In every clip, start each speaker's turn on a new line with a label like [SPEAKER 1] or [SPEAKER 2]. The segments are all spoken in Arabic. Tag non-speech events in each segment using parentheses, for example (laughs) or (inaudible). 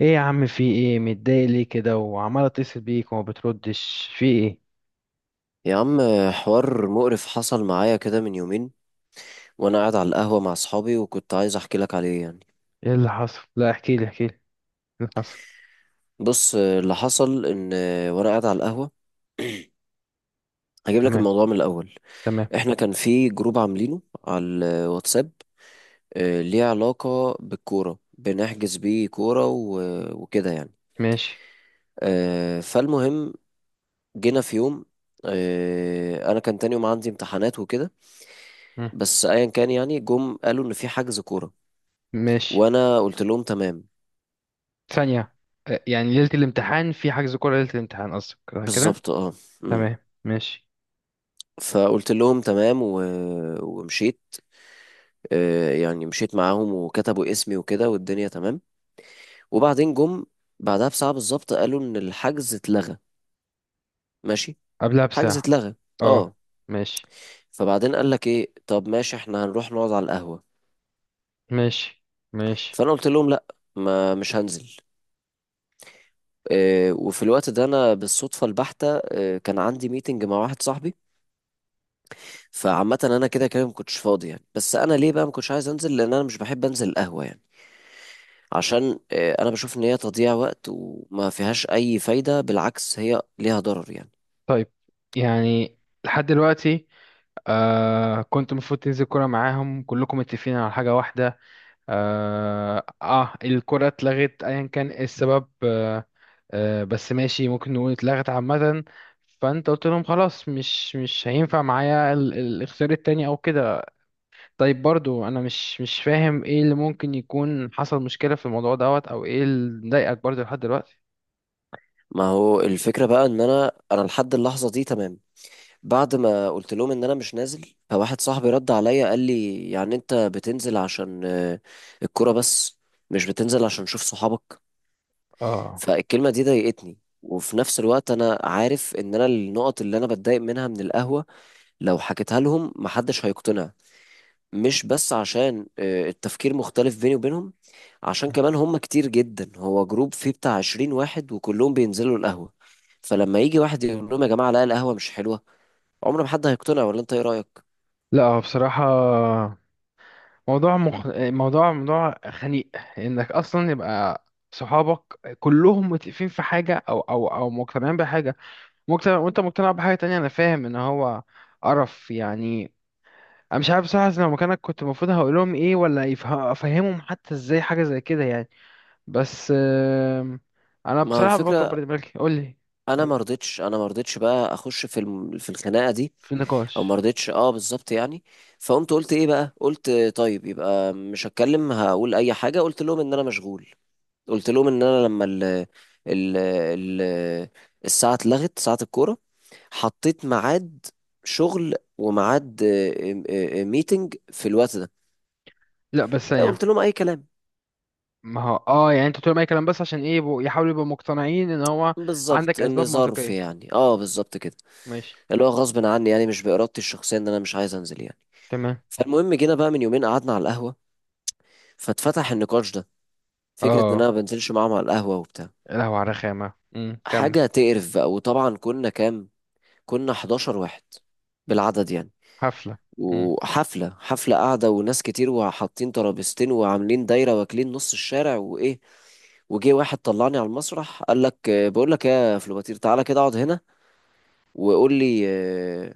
[SPEAKER 1] ايه يا عم في ايه متضايق ليه كده وعمال اتصل بيك وما بتردش في ايه؟
[SPEAKER 2] يا عم، حوار مقرف حصل معايا كده من يومين وانا قاعد على القهوة مع اصحابي، وكنت عايز احكي لك عليه يعني.
[SPEAKER 1] ايه اللي حصل؟ لا احكي لي ايه اللي حصل.
[SPEAKER 2] بص اللي حصل ان وانا قاعد على القهوة، هجيب لك
[SPEAKER 1] تمام.
[SPEAKER 2] الموضوع من الاول.
[SPEAKER 1] تمام.
[SPEAKER 2] احنا كان في جروب عاملينه على الواتساب، ليه علاقة بالكورة، بنحجز بيه كورة وكده يعني.
[SPEAKER 1] ماشي.
[SPEAKER 2] فالمهم، جينا في يوم، انا كان تاني يوم عندي امتحانات وكده.
[SPEAKER 1] مم.
[SPEAKER 2] بس ايا كان يعني، جم قالوا ان في حجز كورة،
[SPEAKER 1] ماشي.
[SPEAKER 2] وانا قلت لهم تمام.
[SPEAKER 1] ثانية. يعني ليلة الامتحان في حجز كورة، ليلة الامتحان قصدك، كده.
[SPEAKER 2] بالظبط اه. مم.
[SPEAKER 1] تمام. ماشي.
[SPEAKER 2] فقلت لهم تمام ومشيت. يعني مشيت معاهم وكتبوا اسمي وكده والدنيا تمام. وبعدين جم بعدها بساعة بالظبط قالوا ان الحجز اتلغى. ماشي،
[SPEAKER 1] قبلها
[SPEAKER 2] حجز
[SPEAKER 1] بساعة؟
[SPEAKER 2] اتلغى
[SPEAKER 1] اه.
[SPEAKER 2] اه.
[SPEAKER 1] ماشي.
[SPEAKER 2] فبعدين قال لك ايه، طب ماشي احنا هنروح نقعد على القهوة.
[SPEAKER 1] ماشي. ماشي.
[SPEAKER 2] فانا قلت لهم لا، ما مش هنزل. وفي الوقت ده انا بالصدفة البحتة كان عندي ميتنج مع واحد صاحبي. فعامة انا كده كده ما كنتش فاضي يعني، بس انا ليه بقى ما كنتش عايز انزل؟ لان انا مش بحب انزل القهوة يعني. عشان انا بشوف ان هي تضييع وقت وما فيهاش اي فايدة، بالعكس هي ليها ضرر يعني.
[SPEAKER 1] طيب، يعني لحد دلوقتي كنت المفروض تنزل كورة معاهم، كلكم متفقين على حاجة واحدة. اه, الكرة اتلغت ايا كان إيه السبب. آه، آه بس ماشي، ممكن نقول اتلغت عامة. فانت قلت لهم خلاص مش هينفع معايا الاختيار التاني او كده. طيب برضو انا مش فاهم ايه اللي ممكن يكون حصل مشكلة في الموضوع دوت او ايه اللي مضايقك برضو لحد دلوقتي.
[SPEAKER 2] ما هو الفكرة بقى ان انا لحد اللحظة دي تمام. بعد ما قلت لهم ان انا مش نازل، فواحد صاحبي رد عليا قال لي، يعني انت بتنزل عشان الكرة بس، مش بتنزل عشان تشوف صحابك.
[SPEAKER 1] اه.
[SPEAKER 2] فالكلمة دي ضايقتني، وفي نفس الوقت انا عارف ان انا النقط اللي انا بتضايق منها من القهوة لو حكيتها لهم محدش هيقتنع. مش بس عشان التفكير مختلف بيني وبينهم، عشان كمان هم كتير جدا، هو جروب فيه بتاع عشرين واحد وكلهم بينزلوا القهوة. فلما يجي واحد يقول لهم يا جماعة لا القهوة مش حلوة، عمر ما حد هيقتنع. ولا انت ايه رأيك؟
[SPEAKER 1] لا هو بصراحة موضوع موضوع خنيق. انك اصلا يبقى صحابك كلهم متفقين في حاجة او مقتنعين بحاجة، مقتنع، وانت مقتنع بحاجة تانية. انا فاهم ان هو قرف يعني. انا مش عارف بصراحة لو مكانك كنت المفروض هقول لهم ايه، ولا افهمهم حتى ازاي حاجة زي كده يعني. بس انا
[SPEAKER 2] ما هو
[SPEAKER 1] بصراحة
[SPEAKER 2] الفكرة،
[SPEAKER 1] بكبر دماغي، قول لي.
[SPEAKER 2] أنا
[SPEAKER 1] قول لي.
[SPEAKER 2] ما رضيتش أنا ما رضيتش بقى أخش في في الخناقة دي.
[SPEAKER 1] في
[SPEAKER 2] أو ما
[SPEAKER 1] نقاش.
[SPEAKER 2] رضيتش أه، بالظبط يعني. فقمت قلت إيه بقى؟ قلت طيب يبقى مش هتكلم، هقول أي حاجة. قلت لهم إن أنا مشغول. قلت لهم ان انا لما ال ال ال الساعه اتلغت ساعه الكوره، حطيت ميعاد شغل وميعاد، ميتنج في الوقت ده.
[SPEAKER 1] لا بس يعني
[SPEAKER 2] قلت لهم اي كلام
[SPEAKER 1] ما هو اه يعني انت بتقول اي كلام بس عشان ايه؟ يحاولوا يبقوا مقتنعين ان هو
[SPEAKER 2] بالظبط،
[SPEAKER 1] عندك
[SPEAKER 2] ان
[SPEAKER 1] اسباب
[SPEAKER 2] ظرف
[SPEAKER 1] منطقية.
[SPEAKER 2] يعني اه، بالظبط كده.
[SPEAKER 1] ماشي.
[SPEAKER 2] اللي هو غصب عني يعني، مش بارادتي الشخصيه ان انا مش عايز انزل يعني.
[SPEAKER 1] تمام.
[SPEAKER 2] فالمهم جينا بقى من يومين، قعدنا على القهوه، فاتفتح النقاش ده، فكره ان
[SPEAKER 1] اه
[SPEAKER 2] انا ما بنزلش معاهم على القهوه وبتاع.
[SPEAKER 1] يا لهوي على رخامة. كمل.
[SPEAKER 2] حاجه تقرف بقى. وطبعا كنا كنا 11 واحد بالعدد يعني.
[SPEAKER 1] حفلة. امم.
[SPEAKER 2] وحفلة حفلة قاعدة، وناس كتير، وحاطين ترابيزتين وعاملين دايرة واكلين نص الشارع وإيه. وجه واحد طلعني على المسرح قال لك، بقول لك يا فلوباتير تعالى كده اقعد هنا. وقول لي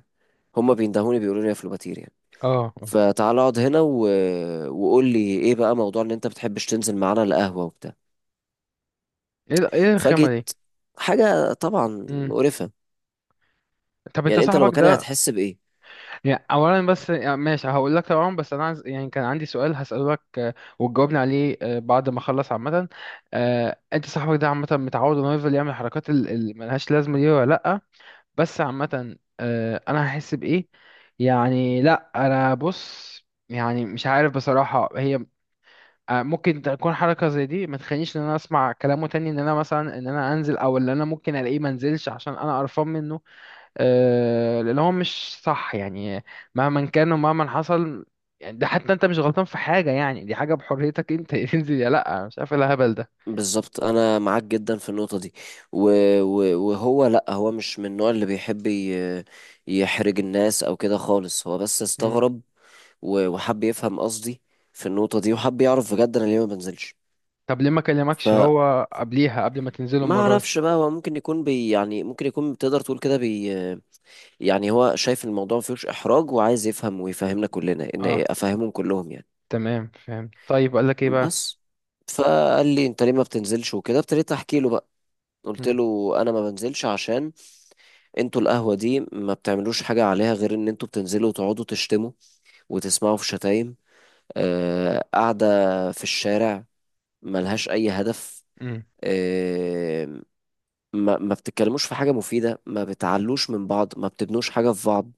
[SPEAKER 2] هما بيندهوني بيقولوا لي يا فلوباتير يعني.
[SPEAKER 1] اه. آه.
[SPEAKER 2] فتعالى اقعد هنا وقول لي ايه بقى موضوع ان انت بتحبش تنزل معانا القهوة وبتاع.
[SPEAKER 1] ايه ايه الرخامة
[SPEAKER 2] فجيت،
[SPEAKER 1] دي؟
[SPEAKER 2] حاجة طبعا
[SPEAKER 1] امم.
[SPEAKER 2] مقرفة.
[SPEAKER 1] طب انت
[SPEAKER 2] يعني انت لو
[SPEAKER 1] صاحبك
[SPEAKER 2] مكاني
[SPEAKER 1] ده
[SPEAKER 2] هتحس بإيه؟
[SPEAKER 1] يعني، اولا بس يعني ماشي هقول لك طبعا، بس انا عايز يعني كان عندي سؤال هسأله لك، وتجاوبني عليه بعد ما اخلص عامه. انت صاحبك ده عامه متعود انه يفضل يعمل الحركات اللي ملهاش لازمه دي ولا لا؟ بس عامه، انا هحس بايه يعني. لا انا بص، يعني مش عارف بصراحه هي، ممكن تكون حركه زي دي ما تخلينيش ان انا اسمع كلامه تاني، ان انا مثلا ان انا انزل، او ان انا ممكن الاقيه ما انزلش عشان انا قرفان منه. اللي هو مش صح يعني، مهما كان ومهما حصل. يعني ده حتى انت مش غلطان في حاجة، يعني دي حاجة بحريتك انت (laughs) تنزل يا لا، مش عارف ايه الهبل ده.
[SPEAKER 2] بالظبط، انا معاك جدا في النقطه دي. و... وهو لا، هو مش من النوع اللي بيحب يحرج الناس او كده خالص، هو بس
[SPEAKER 1] مم.
[SPEAKER 2] استغرب وحب يفهم قصدي في النقطه دي، وحب يعرف بجد انا ليه ما بنزلش.
[SPEAKER 1] طب ليه ما كلمكش
[SPEAKER 2] فما
[SPEAKER 1] هو قبليها قبل ما تنزلوا المرة دي؟
[SPEAKER 2] اعرفش بقى، هو ممكن يكون يعني ممكن يكون تقدر تقول كده يعني هو شايف الموضوع ما فيهوش احراج، وعايز يفهم ويفهمنا كلنا ان إيه،
[SPEAKER 1] اه.
[SPEAKER 2] افهمهم كلهم يعني
[SPEAKER 1] تمام فهمت. طيب قال لك ايه بقى؟
[SPEAKER 2] بس. فقال لي انت ليه ما بتنزلش وكده، ابتديت احكي له بقى. قلت
[SPEAKER 1] مم.
[SPEAKER 2] له انا ما بنزلش عشان انتوا القهوة دي ما بتعملوش حاجة عليها غير ان انتوا بتنزلوا وتقعدوا تشتموا وتسمعوا في شتايم، قاعدة في الشارع ملهاش اي هدف.
[SPEAKER 1] مم.
[SPEAKER 2] آه، ما بتتكلموش في حاجة مفيدة، ما بتعلوش من بعض، ما بتبنوش حاجة في بعض.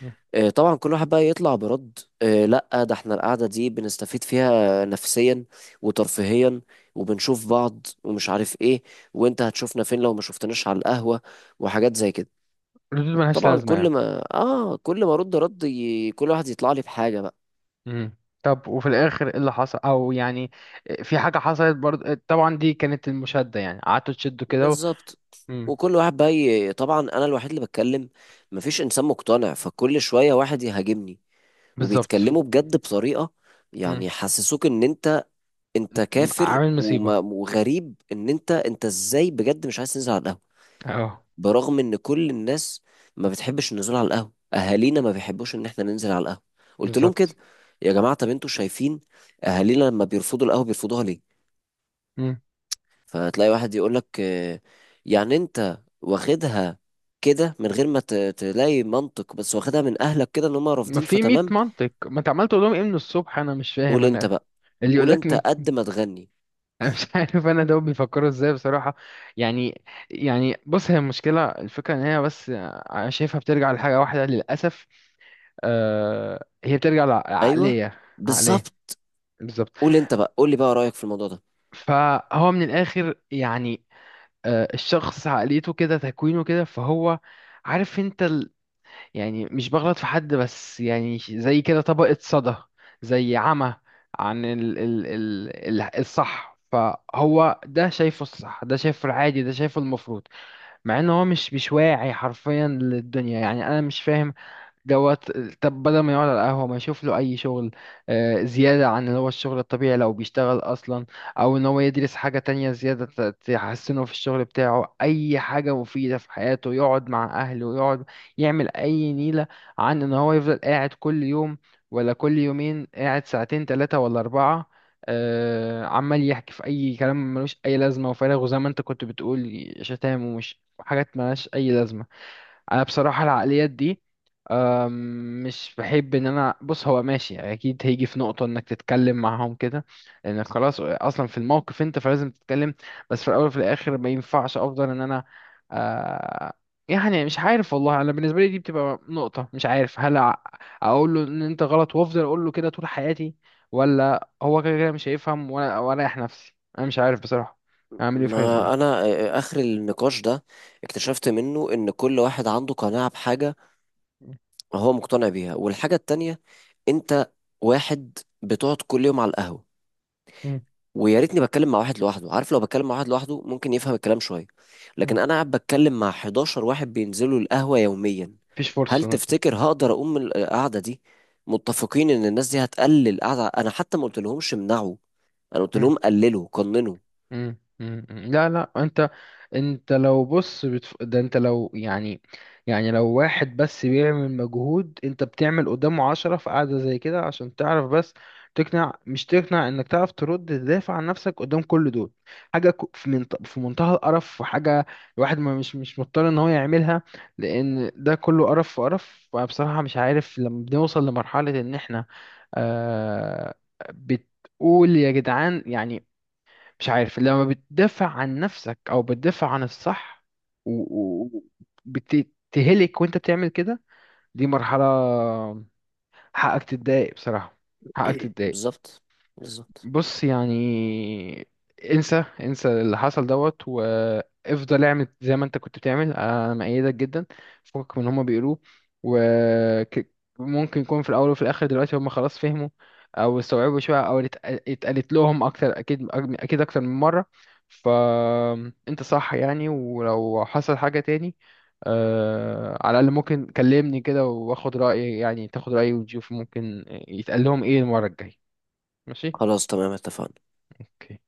[SPEAKER 1] مم.
[SPEAKER 2] طبعا كل واحد بقى يطلع برد، لا ده احنا القعدة دي بنستفيد فيها نفسيا وترفيهيا، وبنشوف بعض ومش عارف ايه، وانت هتشوفنا فين لو ما شفتناش على القهوة، وحاجات زي كده.
[SPEAKER 1] ردود ملهاش
[SPEAKER 2] طبعا
[SPEAKER 1] لازمة يعني.
[SPEAKER 2] كل ما ارد كل واحد يطلع لي بحاجه بقى.
[SPEAKER 1] مم. طب وفي الاخر ايه اللي حصل او يعني في حاجة حصلت برضه؟ طبعا دي كانت المشادة، يعني قعدتوا تشدوا كده
[SPEAKER 2] بالظبط.
[SPEAKER 1] مم.
[SPEAKER 2] وكل واحد بقى طبعا انا الوحيد اللي بتكلم، مفيش انسان مقتنع، فكل شويه واحد يهاجمني.
[SPEAKER 1] بالظبط.
[SPEAKER 2] وبيتكلموا بجد بطريقه
[SPEAKER 1] مم.
[SPEAKER 2] يعني يحسسوك ان انت كافر
[SPEAKER 1] عامل مصيبة.
[SPEAKER 2] وغريب، ان انت ازاي بجد مش عايز تنزل على القهوه؟
[SPEAKER 1] اه.
[SPEAKER 2] برغم ان كل الناس ما بتحبش النزول على القهوه، اهالينا ما بيحبوش ان احنا ننزل على القهوه. قلت لهم كده،
[SPEAKER 1] بالظبط.
[SPEAKER 2] يا جماعه طب انتوا شايفين اهالينا لما بيرفضوا القهوه بيرفضوها ليه؟
[SPEAKER 1] مم.
[SPEAKER 2] فتلاقي واحد يقول لك، يعني انت واخدها كده من غير ما تلاقي منطق، بس واخدها من اهلك كده ان هم
[SPEAKER 1] ما
[SPEAKER 2] رافضين
[SPEAKER 1] في 100
[SPEAKER 2] فتمام.
[SPEAKER 1] منطق، ما انت عمال تقول لهم ايه من الصبح، انا مش فاهم.
[SPEAKER 2] قول انت
[SPEAKER 1] انا
[SPEAKER 2] بقى،
[SPEAKER 1] اللي يقول
[SPEAKER 2] قول
[SPEAKER 1] لك
[SPEAKER 2] انت قد ما تغني.
[SPEAKER 1] انا مش (laughs) عارف انا دول بيفكروا ازاي بصراحه يعني. يعني بص هي المشكله، الفكره ان هي بس انا شايفها بترجع لحاجه واحده للاسف. هي بترجع
[SPEAKER 2] ايوه،
[SPEAKER 1] لعقليه، عقليه.
[SPEAKER 2] بالظبط.
[SPEAKER 1] بالظبط.
[SPEAKER 2] قول انت بقى، قول لي بقى رايك في الموضوع ده.
[SPEAKER 1] فهو من الاخر يعني، الشخص عقليته كده، تكوينه كده، فهو عارف انت، يعني مش بغلط في حد بس يعني زي كده طبقة صدى، زي عمى عن ال الصح. فهو ده شايفه الصح، ده شايفه العادي، ده شايفه المفروض، مع ان هو مش واعي حرفيا للدنيا، يعني انا مش فاهم دوت. طب بدل ما يقعد على القهوة ما يشوف له أي شغل، زيادة عن اللي هو الشغل الطبيعي لو بيشتغل أصلا، أو إن هو يدرس حاجة تانية زيادة تحسنه في الشغل بتاعه، أي حاجة مفيدة في حياته، يقعد مع أهله، يقعد يعمل أي نيلة، عن إن هو يفضل قاعد كل يوم ولا كل يومين قاعد ساعتين تلاتة ولا أربعة، عمال يحكي في أي كلام ملوش أي لازمة وفارغ، وزي ما أنت كنت بتقول شتام ومش حاجات ملهاش أي لازمة. انا بصراحه العقليات دي، مش بحب ان انا بص هو ماشي اكيد هيجي في نقطه انك تتكلم معاهم كده، لان خلاص اصلا في الموقف انت فلازم تتكلم، بس في الاول وفي الاخر ما ينفعش افضل ان انا أه، يعني مش عارف والله. انا بالنسبه لي دي بتبقى نقطه مش عارف، هل اقول له ان انت غلط وافضل اقول له كده طول حياتي، ولا هو كده كده مش هيفهم، ولا واريح نفسي، انا مش عارف بصراحه اعمل ايه في حاجه زي
[SPEAKER 2] ما
[SPEAKER 1] كده.
[SPEAKER 2] انا اخر النقاش ده اكتشفت منه ان كل واحد عنده قناعة بحاجة هو مقتنع بيها، والحاجة التانية انت واحد بتقعد كل يوم على القهوة.
[SPEAKER 1] مم.
[SPEAKER 2] ويا ريتني بتكلم مع واحد لوحده، عارف لو بتكلم مع واحد لوحده ممكن يفهم الكلام شوية، لكن
[SPEAKER 1] مم.
[SPEAKER 2] انا قاعد بتكلم مع 11 واحد بينزلوا القهوة يوميا.
[SPEAKER 1] مفيش
[SPEAKER 2] هل
[SPEAKER 1] فرصه.
[SPEAKER 2] تفتكر هقدر اقوم من القعدة دي متفقين ان الناس دي هتقلل القعدة؟ انا حتى ما قلتلهمش امنعوا، انا قلت لهم قللوا، قننوا.
[SPEAKER 1] مم. مم. مم. لا لا انت، انت لو بص ده انت لو يعني، يعني لو واحد بس بيعمل مجهود انت بتعمل قدامه عشرة في قعدة زي كده، عشان تعرف بس تقنع، مش تقنع، انك تعرف ترد تدافع عن نفسك قدام كل دول، حاجة في في منتهى القرف، وحاجة الواحد ما مش مش مضطر ان هو يعملها، لان ده كله قرف في قرف. فبصراحة مش عارف لما بنوصل لمرحلة ان احنا آه... بتقول يا جدعان يعني، مش عارف لما بتدافع عن نفسك او بتدافع عن الصح وبتتهلك وانت بتعمل كده، دي مرحلة حقك تتضايق بصراحة، حقك تتضايق.
[SPEAKER 2] بالظبط، بالظبط.
[SPEAKER 1] بص يعني، انسى اللي حصل دوت، وافضل اعمل زي ما انت كنت بتعمل، انا مأيدك جدا فوقك من هما بيقولوه. وممكن يكون في الاول وفي الاخر دلوقتي هما خلاص فهموا او استوعبوا شوية، او اتقالت لهم اكتر، اكيد اكيد اكتر من مرة. فانت صح يعني. ولو حصل حاجة تاني، على الاقل ممكن كلمني كده واخد رأيي، يعني تاخد رأيي وتشوف ممكن يتقال لهم ايه المرة الجاية. ماشي.
[SPEAKER 2] خلاص تمام، اتفقنا.
[SPEAKER 1] اوكي.